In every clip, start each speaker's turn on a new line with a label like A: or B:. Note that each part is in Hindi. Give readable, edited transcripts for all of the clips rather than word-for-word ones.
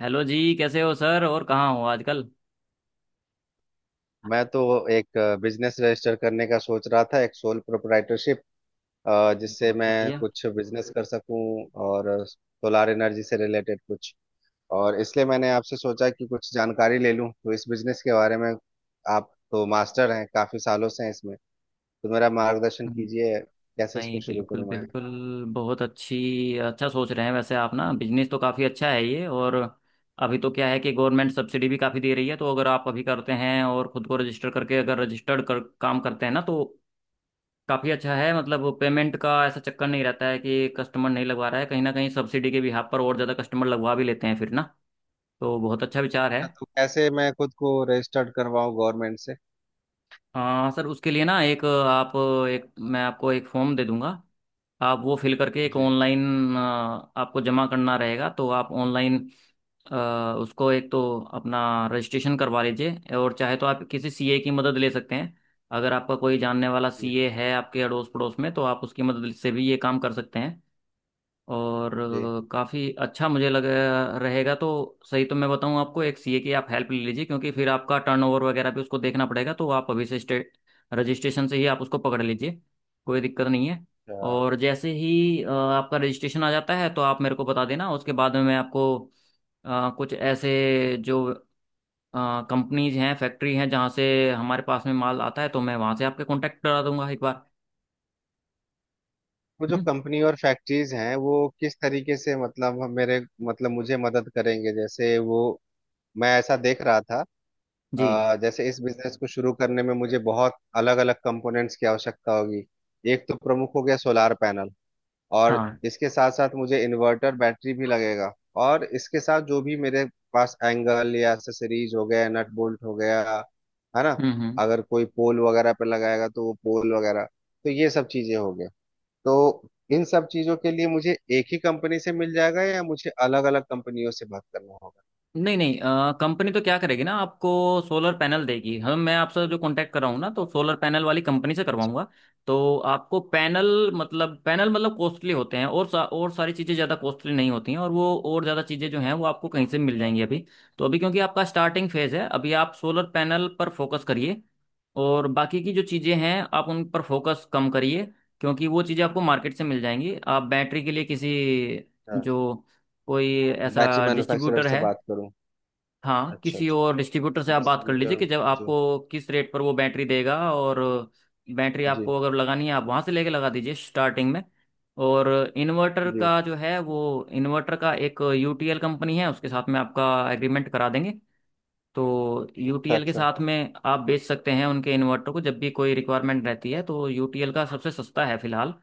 A: हेलो जी, कैसे हो सर? और कहाँ हो आजकल?
B: मैं तो एक बिजनेस रजिस्टर करने का सोच रहा था। एक सोल प्रोप्राइटरशिप जिससे
A: बहुत
B: मैं
A: बढ़िया।
B: कुछ बिजनेस कर सकूं और सोलार एनर्जी से रिलेटेड कुछ। और इसलिए मैंने आपसे सोचा कि कुछ जानकारी ले लूं तो इस बिजनेस के बारे में। आप तो मास्टर हैं, काफी सालों से हैं इसमें, तो मेरा मार्गदर्शन
A: हम्म।
B: कीजिए। कैसे इसको
A: नहीं,
B: शुरू
A: बिल्कुल
B: करूं मैं?
A: बिल्कुल। बहुत अच्छी अच्छा सोच रहे हैं वैसे आप ना, बिजनेस तो काफ़ी अच्छा है ये। और अभी तो क्या है कि गवर्नमेंट सब्सिडी भी काफ़ी दे रही है, तो अगर आप अभी करते हैं और खुद को रजिस्टर करके, अगर रजिस्टर्ड कर काम करते हैं ना, तो काफ़ी अच्छा है। मतलब पेमेंट का ऐसा चक्कर नहीं रहता है कि कस्टमर नहीं लगवा रहा है, कहीं ना कहीं सब्सिडी के बिहाफ पर और ज़्यादा कस्टमर लगवा भी लेते हैं फिर ना। तो बहुत अच्छा विचार है।
B: अच्छा, तो कैसे मैं खुद को रजिस्टर्ड करवाऊं गवर्नमेंट से?
A: हाँ सर, उसके लिए ना, एक आप, एक मैं आपको एक फॉर्म दे दूंगा। आप वो फिल करके, एक
B: जी
A: ऑनलाइन आपको जमा करना रहेगा, तो आप ऑनलाइन उसको एक तो अपना रजिस्ट्रेशन करवा लीजिए। और चाहे तो आप किसी सीए की मदद ले सकते हैं। अगर आपका कोई जानने वाला
B: जी
A: सीए है आपके अड़ोस पड़ोस में, तो आप उसकी मदद से भी ये काम कर सकते हैं। और
B: जी।
A: काफ़ी अच्छा मुझे लग रहेगा तो सही। तो मैं बताऊं आपको, एक सीए की आप हेल्प ले लीजिए, क्योंकि फिर आपका टर्नओवर वगैरह भी उसको देखना पड़ेगा, तो आप अभी से स्टेट रजिस्ट्रेशन से ही आप उसको पकड़ लीजिए। कोई दिक्कत नहीं है।
B: अच्छा,
A: और जैसे ही आपका रजिस्ट्रेशन आ जाता है, तो आप मेरे को बता देना, उसके बाद में मैं आपको कुछ ऐसे जो कंपनीज हैं, फैक्ट्री हैं, जहाँ से हमारे पास में माल आता है, तो मैं वहाँ से आपके कांटेक्ट करा दूंगा एक बार।
B: वो जो
A: हम्म।
B: कंपनी और फैक्ट्रीज हैं वो किस तरीके से, मतलब मेरे मतलब मुझे मदद करेंगे? जैसे वो, मैं ऐसा देख रहा था।
A: जी।
B: जैसे इस बिजनेस को शुरू करने में मुझे बहुत अलग अलग कंपोनेंट्स की आवश्यकता होगी। एक तो प्रमुख हो गया सोलार पैनल, और
A: हाँ।
B: इसके साथ साथ मुझे इन्वर्टर बैटरी भी लगेगा। और इसके साथ जो भी मेरे पास एंगल या एक्सेसरीज हो गया, नट बोल्ट हो गया, है ना।
A: हम्म।
B: अगर कोई पोल वगैरह पे लगाएगा तो वो पोल वगैरह, तो ये सब चीजें हो गई तो इन सब चीजों के लिए मुझे एक ही कंपनी से मिल जाएगा या मुझे अलग अलग कंपनियों से बात करना होगा?
A: नहीं नहीं, कंपनी तो क्या करेगी ना आपको, सोलर पैनल देगी। हम, मैं आपसे जो कांटेक्ट कर रहा हूँ ना, तो सोलर पैनल वाली कंपनी से
B: अच्छा।
A: करवाऊंगा। तो आपको पैनल मतलब, पैनल मतलब कॉस्टली होते हैं, और और सारी चीज़ें ज़्यादा कॉस्टली नहीं होती हैं। और वो और ज़्यादा चीज़ें जो हैं, वो आपको कहीं से मिल जाएंगी अभी। तो अभी क्योंकि आपका स्टार्टिंग फेज़ है, अभी आप सोलर पैनल पर फोकस करिए। और बाकी की जो चीज़ें हैं, आप उन पर फोकस कम करिए, क्योंकि वो चीज़ें आपको मार्केट से मिल जाएंगी। आप बैटरी के लिए किसी,
B: हाँ,
A: जो कोई
B: बैटरी
A: ऐसा
B: मैन्युफैक्चरर
A: डिस्ट्रीब्यूटर
B: से
A: है।
B: बात करूं?
A: हाँ,
B: अच्छा
A: किसी और
B: अच्छा,
A: डिस्ट्रीब्यूटर से आप बात कर लीजिए
B: डिस्ट्रीब्यूटर।
A: कि जब
B: जी
A: आपको किस रेट पर वो बैटरी देगा। और बैटरी
B: जी
A: आपको अगर लगानी है, आप वहाँ से लेके लगा दीजिए स्टार्टिंग में। और इन्वर्टर
B: जी।
A: का जो है, वो इन्वर्टर का एक यूटीएल कंपनी है, उसके साथ में आपका एग्रीमेंट करा देंगे। तो
B: अच्छा
A: यूटीएल के
B: अच्छा।
A: साथ में आप बेच सकते हैं उनके इन्वर्टर को, जब भी कोई रिक्वायरमेंट रहती है। तो यूटीएल का सबसे सस्ता है फिलहाल।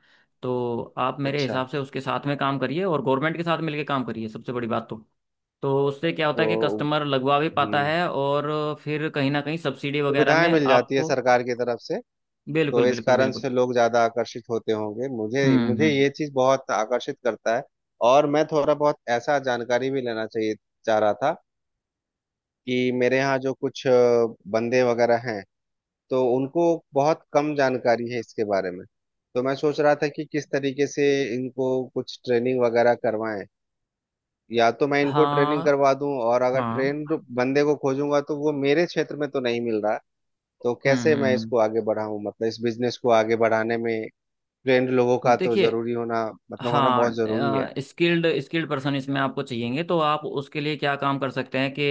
A: तो आप मेरे
B: अच्छा।
A: हिसाब से उसके साथ में काम करिए, और गवर्नमेंट के साथ मिलके काम करिए, सबसे बड़ी बात तो। तो उससे क्या होता है कि
B: तो
A: कस्टमर लगवा भी पाता
B: हम्म,
A: है। और फिर कहीं ना कहीं सब्सिडी वगैरह
B: सुविधाएं
A: में
B: मिल जाती है
A: आपको।
B: सरकार की तरफ से। तो
A: बिल्कुल
B: इस
A: बिल्कुल
B: कारण
A: बिल्कुल।
B: से लोग ज्यादा आकर्षित होते होंगे। मुझे मुझे
A: हम्म।
B: ये चीज बहुत आकर्षित करता है। और मैं थोड़ा बहुत ऐसा जानकारी भी लेना चाहिए, चाह रहा था। कि मेरे यहाँ जो कुछ बंदे वगैरह हैं, तो उनको बहुत कम जानकारी है इसके बारे में। तो मैं सोच रहा था कि किस तरीके से इनको कुछ ट्रेनिंग वगैरह करवाएं, या तो मैं इनको ट्रेनिंग
A: हाँ
B: करवा दूं, और अगर
A: हाँ।
B: ट्रेन बंदे को खोजूंगा तो वो मेरे क्षेत्र में तो नहीं मिल रहा। तो कैसे मैं
A: हम्म।
B: इसको आगे बढ़ाऊं, मतलब इस बिजनेस को आगे बढ़ाने में। ट्रेंड लोगों का तो
A: देखिए।
B: जरूरी होना, मतलब होना बहुत
A: हाँ,
B: जरूरी है।
A: स्किल्ड स्किल्ड पर्सन इसमें आपको चाहिएंगे। तो आप उसके लिए क्या काम कर सकते हैं कि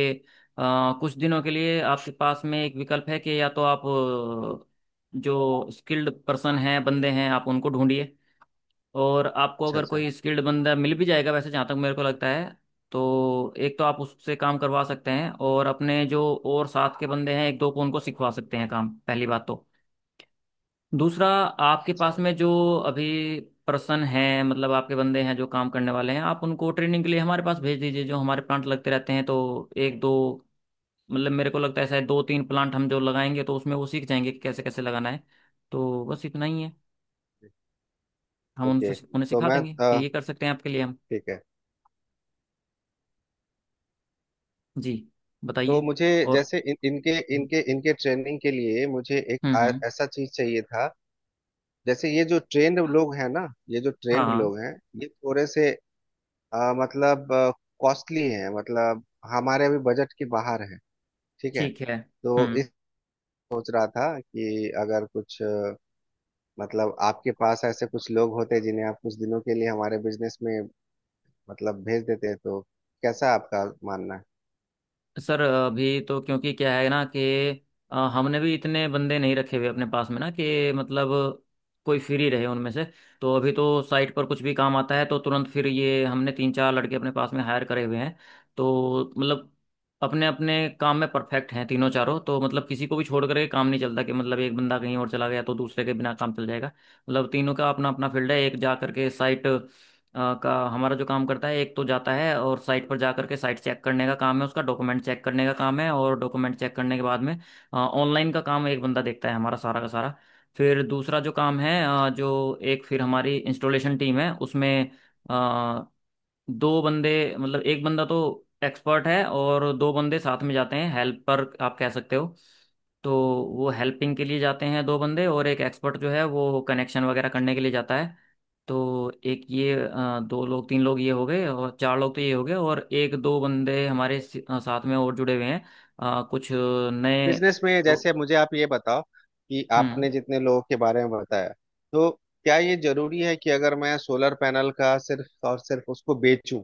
A: कुछ दिनों के लिए आपके पास में एक विकल्प है, कि या तो आप जो स्किल्ड पर्सन हैं, बंदे हैं, आप उनको ढूंढिए। और आपको
B: अच्छा
A: अगर
B: अच्छा।
A: कोई स्किल्ड बंदा मिल भी जाएगा वैसे, जहाँ तक मेरे को लगता है, तो एक तो आप उससे काम करवा सकते हैं, और अपने जो और साथ के बंदे हैं एक दो को, उनको सिखवा सकते हैं काम, पहली बात तो। दूसरा, आपके
B: अच्छा।
A: पास में जो अभी पर्सन है, मतलब आपके बंदे हैं जो काम करने वाले हैं, आप उनको ट्रेनिंग के लिए हमारे पास भेज दीजिए, जो हमारे प्लांट लगते रहते हैं, तो एक दो, मतलब मेरे को लगता है शायद दो तीन प्लांट हम जो लगाएंगे, तो उसमें वो सीख जाएंगे कि कैसे कैसे लगाना है। तो बस इतना ही है। हम उनसे
B: ओके,
A: उन्हें
B: तो
A: सिखा
B: मैं
A: देंगे कि ये कर सकते हैं आपके लिए हम।
B: ठीक है।
A: जी
B: तो
A: बताइए।
B: मुझे,
A: और
B: जैसे इन, इनके
A: हम्म
B: इनके इनके ट्रेनिंग के लिए मुझे एक
A: हम्म।
B: ऐसा चीज चाहिए था। जैसे ये जो ट्रेंड लोग हैं ना, ये जो
A: हाँ
B: ट्रेंड
A: हाँ।
B: लोग हैं, ये थोड़े से मतलब कॉस्टली हैं, मतलब हमारे अभी बजट के बाहर है। ठीक है,
A: ठीक है।
B: तो
A: हम्म।
B: इस सोच रहा था कि अगर कुछ मतलब आपके पास ऐसे कुछ लोग होते जिन्हें आप कुछ दिनों के लिए हमारे बिजनेस में मतलब भेज देते, तो कैसा आपका मानना है?
A: सर अभी तो क्योंकि क्या है ना कि हमने भी इतने बंदे नहीं रखे हुए अपने पास में ना, कि मतलब कोई फ्री रहे उनमें से। तो अभी तो साइट पर कुछ भी काम आता है तो तुरंत, फिर ये हमने तीन चार लड़के अपने पास में हायर करे हुए हैं। तो मतलब अपने अपने काम में परफेक्ट हैं तीनों चारों। तो मतलब किसी को भी छोड़ करके काम नहीं चलता कि मतलब एक बंदा कहीं और चला गया तो दूसरे के बिना काम चल जाएगा, मतलब तीनों का अपना अपना फील्ड है। एक जा करके साइट का हमारा जो काम करता है एक, तो जाता है और साइट पर जा करके साइट चेक करने का काम है उसका, डॉक्यूमेंट चेक करने का काम है, और डॉक्यूमेंट चेक करने के बाद में ऑनलाइन का काम एक बंदा देखता है हमारा सारा का सारा। फिर दूसरा जो काम है जो एक, फिर हमारी इंस्टॉलेशन टीम है, उसमें अ, दो बंदे, मतलब एक बंदा तो एक्सपर्ट है, और दो बंदे साथ में जाते हैं, हेल्पर आप कह सकते हो। तो वो हेल्पिंग के लिए जाते हैं दो बंदे, और एक एक्सपर्ट जो है वो कनेक्शन वगैरह करने के लिए जाता है। तो एक ये दो लोग तीन लोग ये हो गए, और चार लोग तो ये हो गए। और एक दो बंदे हमारे साथ में और जुड़े हुए हैं, कुछ नए
B: बिजनेस में
A: प्रो-
B: जैसे मुझे आप ये बताओ कि
A: हम्म
B: आपने जितने लोगों के बारे में बताया, तो क्या ये जरूरी है कि अगर मैं सोलर पैनल का सिर्फ और सिर्फ उसको बेचूं,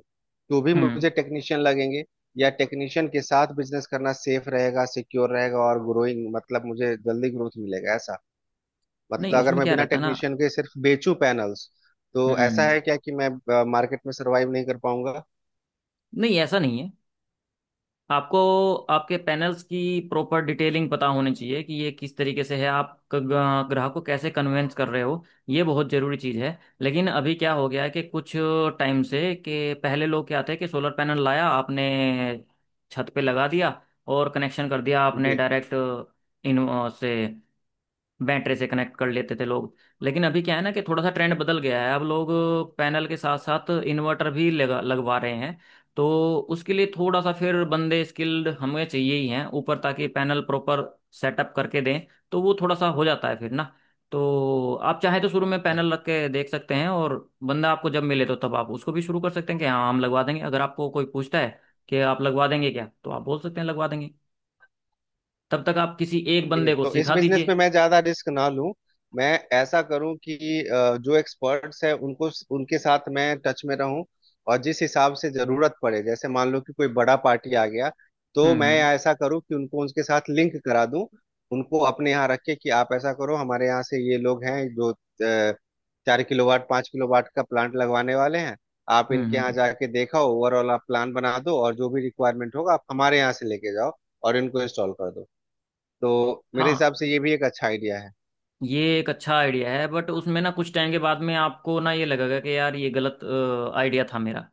B: तो भी
A: हम्म।
B: मुझे टेक्नीशियन लगेंगे? या टेक्नीशियन के साथ बिजनेस करना सेफ रहेगा, सिक्योर रहेगा और ग्रोइंग, मतलब मुझे जल्दी ग्रोथ मिलेगा ऐसा? मतलब
A: नहीं
B: अगर
A: उसमें
B: मैं
A: क्या
B: बिना
A: रहता है ना।
B: टेक्नीशियन के सिर्फ बेचूं पैनल्स, तो ऐसा
A: हम्म।
B: है क्या कि मैं मार्केट में सरवाइव नहीं कर पाऊंगा?
A: नहीं ऐसा नहीं है। आपको आपके पैनल्स की प्रॉपर डिटेलिंग पता होनी चाहिए कि ये किस तरीके से है, आप ग्राहक को कैसे कन्वेंस कर रहे हो। ये बहुत ज़रूरी चीज़ है। लेकिन अभी क्या हो गया है कि कुछ टाइम से, कि पहले लोग क्या थे कि सोलर पैनल लाया आपने, छत पे लगा दिया, और कनेक्शन कर दिया आपने
B: जी।
A: डायरेक्ट, इन से, बैटरी से कनेक्ट कर लेते थे लोग। लेकिन अभी क्या है ना कि थोड़ा सा ट्रेंड बदल गया है। अब लोग पैनल के साथ साथ इन्वर्टर भी लगा लगवा रहे हैं। तो उसके लिए थोड़ा सा फिर बंदे स्किल्ड हमें चाहिए ही हैं ऊपर, ताकि पैनल प्रॉपर सेटअप करके दें। तो वो थोड़ा सा हो जाता है फिर ना। तो आप चाहे तो शुरू में पैनल रख के देख सकते हैं, और बंदा आपको जब मिले तो तब आप उसको भी शुरू कर सकते हैं, कि हाँ हम लगवा देंगे। अगर आपको कोई पूछता है कि आप लगवा देंगे क्या, तो आप बोल सकते हैं लगवा देंगे। तब तक आप किसी एक
B: ये
A: बंदे को
B: तो, इस
A: सिखा
B: बिजनेस में
A: दीजिए।
B: मैं ज्यादा रिस्क ना लूं। मैं ऐसा करूं कि जो एक्सपर्ट्स हैं उनको, उनके साथ मैं टच में रहूं। और जिस हिसाब से जरूरत पड़े, जैसे मान लो कि कोई बड़ा पार्टी आ गया, तो
A: हम्म
B: मैं
A: हम्म
B: ऐसा करूं कि उनको, उनके साथ लिंक करा दूं। उनको अपने यहाँ रख के, कि आप ऐसा करो, हमारे यहाँ से ये लोग हैं जो 4 किलोवाट 5 किलोवाट का प्लांट लगवाने वाले हैं। आप इनके यहाँ
A: हम्म।
B: जाके देखा, ओवरऑल आप प्लान बना दो और जो भी रिक्वायरमेंट होगा आप हमारे यहाँ से लेके जाओ और इनको इंस्टॉल कर दो। तो मेरे
A: हाँ,
B: हिसाब से ये भी एक अच्छा आइडिया है।
A: ये एक अच्छा आइडिया है, बट उसमें ना कुछ टाइम के बाद में आपको ना ये लगेगा कि यार ये गलत आइडिया था मेरा।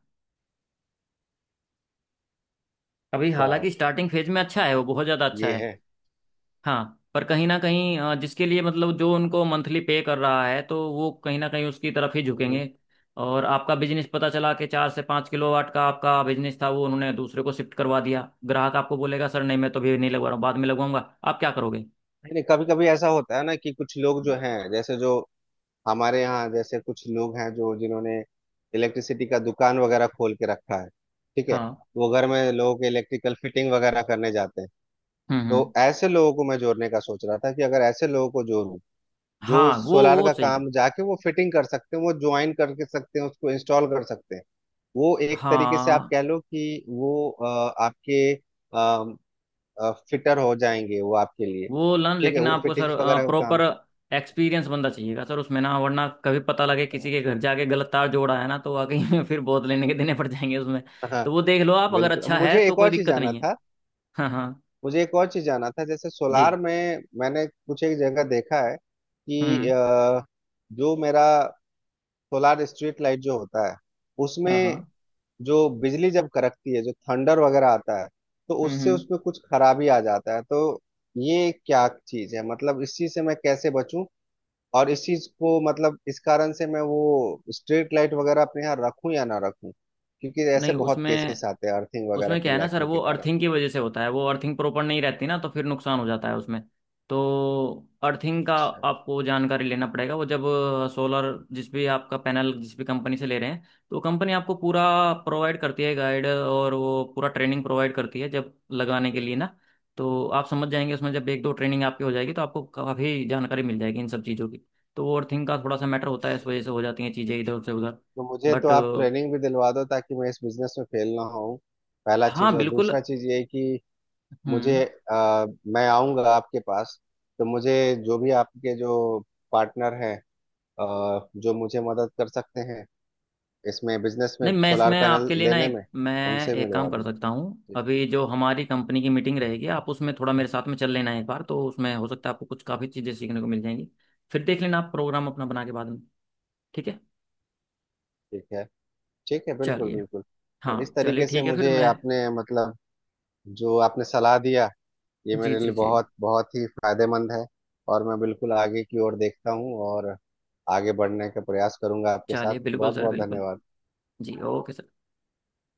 A: अभी
B: अच्छा,
A: हालांकि स्टार्टिंग फेज में अच्छा है, वो बहुत ज़्यादा अच्छा
B: ये
A: है।
B: है।
A: हाँ, पर कहीं ना कहीं जिसके लिए मतलब जो उनको मंथली पे कर रहा है, तो वो कहीं ना कहीं उसकी तरफ ही
B: हम्म।
A: झुकेंगे। और आपका बिजनेस पता चला कि 4 से 5 किलो वाट का आपका बिजनेस था, वो उन्होंने दूसरे को शिफ्ट करवा दिया। ग्राहक आपको बोलेगा सर नहीं, मैं तो अभी नहीं लगवा रहा हूँ, बाद में लगवाऊंगा। आप क्या करोगे?
B: नहीं नहीं, कभी कभी ऐसा होता है ना कि कुछ लोग जो हैं, जैसे जो हमारे यहाँ जैसे कुछ लोग हैं जो जिन्होंने इलेक्ट्रिसिटी का दुकान वगैरह खोल के रखा है, ठीक है।
A: हाँ।
B: वो घर में लोगों के इलेक्ट्रिकल फिटिंग वगैरह करने जाते हैं। तो
A: हम्म।
B: ऐसे लोगों को मैं जोड़ने का सोच रहा था कि अगर ऐसे लोगों को जोड़ूं जो
A: हाँ,
B: सोलार
A: वो
B: का
A: सही कर।
B: काम जाके वो फिटिंग कर सकते हैं, वो ज्वाइन करके सकते हैं, उसको इंस्टॉल कर सकते हैं। वो एक तरीके से आप
A: हाँ,
B: कह लो कि वो आपके फिटर हो जाएंगे, वो आपके लिए
A: वो लर्न,
B: ठीक है
A: लेकिन
B: वो
A: आपको सर
B: फिटिंग्स वगैरह का
A: प्रॉपर
B: काम।
A: एक्सपीरियंस बंदा चाहिएगा सर उसमें ना, वरना कभी पता लगे किसी के घर जाके गलत तार जोड़ा है ना, तो वाकई फिर बहुत लेने के देने पड़ जाएंगे उसमें।
B: हाँ
A: तो वो देख लो आप, अगर
B: बिल्कुल,
A: अच्छा है
B: मुझे
A: तो
B: एक
A: कोई
B: और चीज
A: दिक्कत
B: जाना
A: नहीं है।
B: था।
A: हाँ हाँ।
B: मुझे एक और चीज जाना था, जैसे
A: जी।
B: सोलार में मैंने कुछ एक जगह देखा है कि
A: हम्म।
B: जो मेरा सोलार स्ट्रीट लाइट जो होता है
A: हाँ
B: उसमें,
A: हाँ।
B: जो बिजली जब कड़कती है, जो थंडर वगैरह आता है, तो उससे
A: हम्म।
B: उसमें कुछ खराबी आ जाता है। तो ये क्या चीज है? मतलब इस चीज से मैं कैसे बचूं, और इस चीज को मतलब इस कारण से मैं वो स्ट्रीट लाइट वगैरह अपने यहाँ रखूं या ना रखूं? क्योंकि
A: नहीं
B: ऐसे बहुत केसेस
A: उसमें,
B: आते हैं अर्थिंग वगैरह
A: उसमें क्या
B: के
A: है ना सर,
B: लैकिंग
A: वो
B: के कारण।
A: अर्थिंग की वजह से होता है। वो अर्थिंग प्रॉपर नहीं रहती ना, तो फिर नुकसान हो जाता है उसमें। तो अर्थिंग का
B: अच्छा,
A: आपको जानकारी लेना पड़ेगा। वो जब सोलर जिस भी आपका पैनल जिस भी कंपनी से ले रहे हैं, तो कंपनी आपको पूरा प्रोवाइड करती है गाइड, और वो पूरा ट्रेनिंग प्रोवाइड करती है जब लगाने के लिए ना। तो आप समझ जाएंगे उसमें, जब एक दो ट्रेनिंग आपकी हो जाएगी, तो आपको काफ़ी जानकारी मिल जाएगी इन सब चीज़ों की। तो वो अर्थिंग का थोड़ा सा मैटर होता है, इस वजह से हो जाती हैं चीज़ें इधर से उधर।
B: तो मुझे
A: बट।
B: तो आप ट्रेनिंग भी दिलवा दो ताकि मैं इस बिजनेस में फेल ना हो, पहला
A: हाँ
B: चीज। और
A: बिल्कुल।
B: दूसरा चीज ये कि
A: हम्म।
B: मुझे मैं आऊंगा आपके पास तो मुझे जो भी आपके जो पार्टनर हैं, जो मुझे मदद कर सकते हैं इसमें बिजनेस में,
A: नहीं मैं
B: सोलार
A: इसमें
B: पैनल
A: आपके लिए ना,
B: लेने
A: एक
B: में,
A: मैं
B: उनसे
A: एक
B: मिलवा
A: काम कर सकता हूँ,
B: दीजिए। ठीक।
A: अभी जो हमारी कंपनी की मीटिंग रहेगी, आप उसमें थोड़ा मेरे साथ में चल लेना एक बार। तो उसमें हो सकता है आपको कुछ काफ़ी चीज़ें सीखने को मिल जाएंगी। फिर देख लेना आप प्रोग्राम अपना बना के बाद में। ठीक है।
B: ठीक है। ठीक है, बिल्कुल
A: चलिए।
B: बिल्कुल। तो
A: हाँ
B: इस
A: चलिए,
B: तरीके से
A: ठीक है। फिर
B: मुझे
A: मैं।
B: आपने, मतलब जो आपने सलाह दिया, ये
A: जी
B: मेरे लिए
A: जी जी।
B: बहुत बहुत ही फायदेमंद है। और मैं बिल्कुल आगे की ओर देखता हूँ और आगे बढ़ने का प्रयास करूंगा आपके साथ।
A: चलिए बिल्कुल
B: बहुत
A: सर
B: बहुत
A: बिल्कुल।
B: धन्यवाद।
A: जी ओके सर।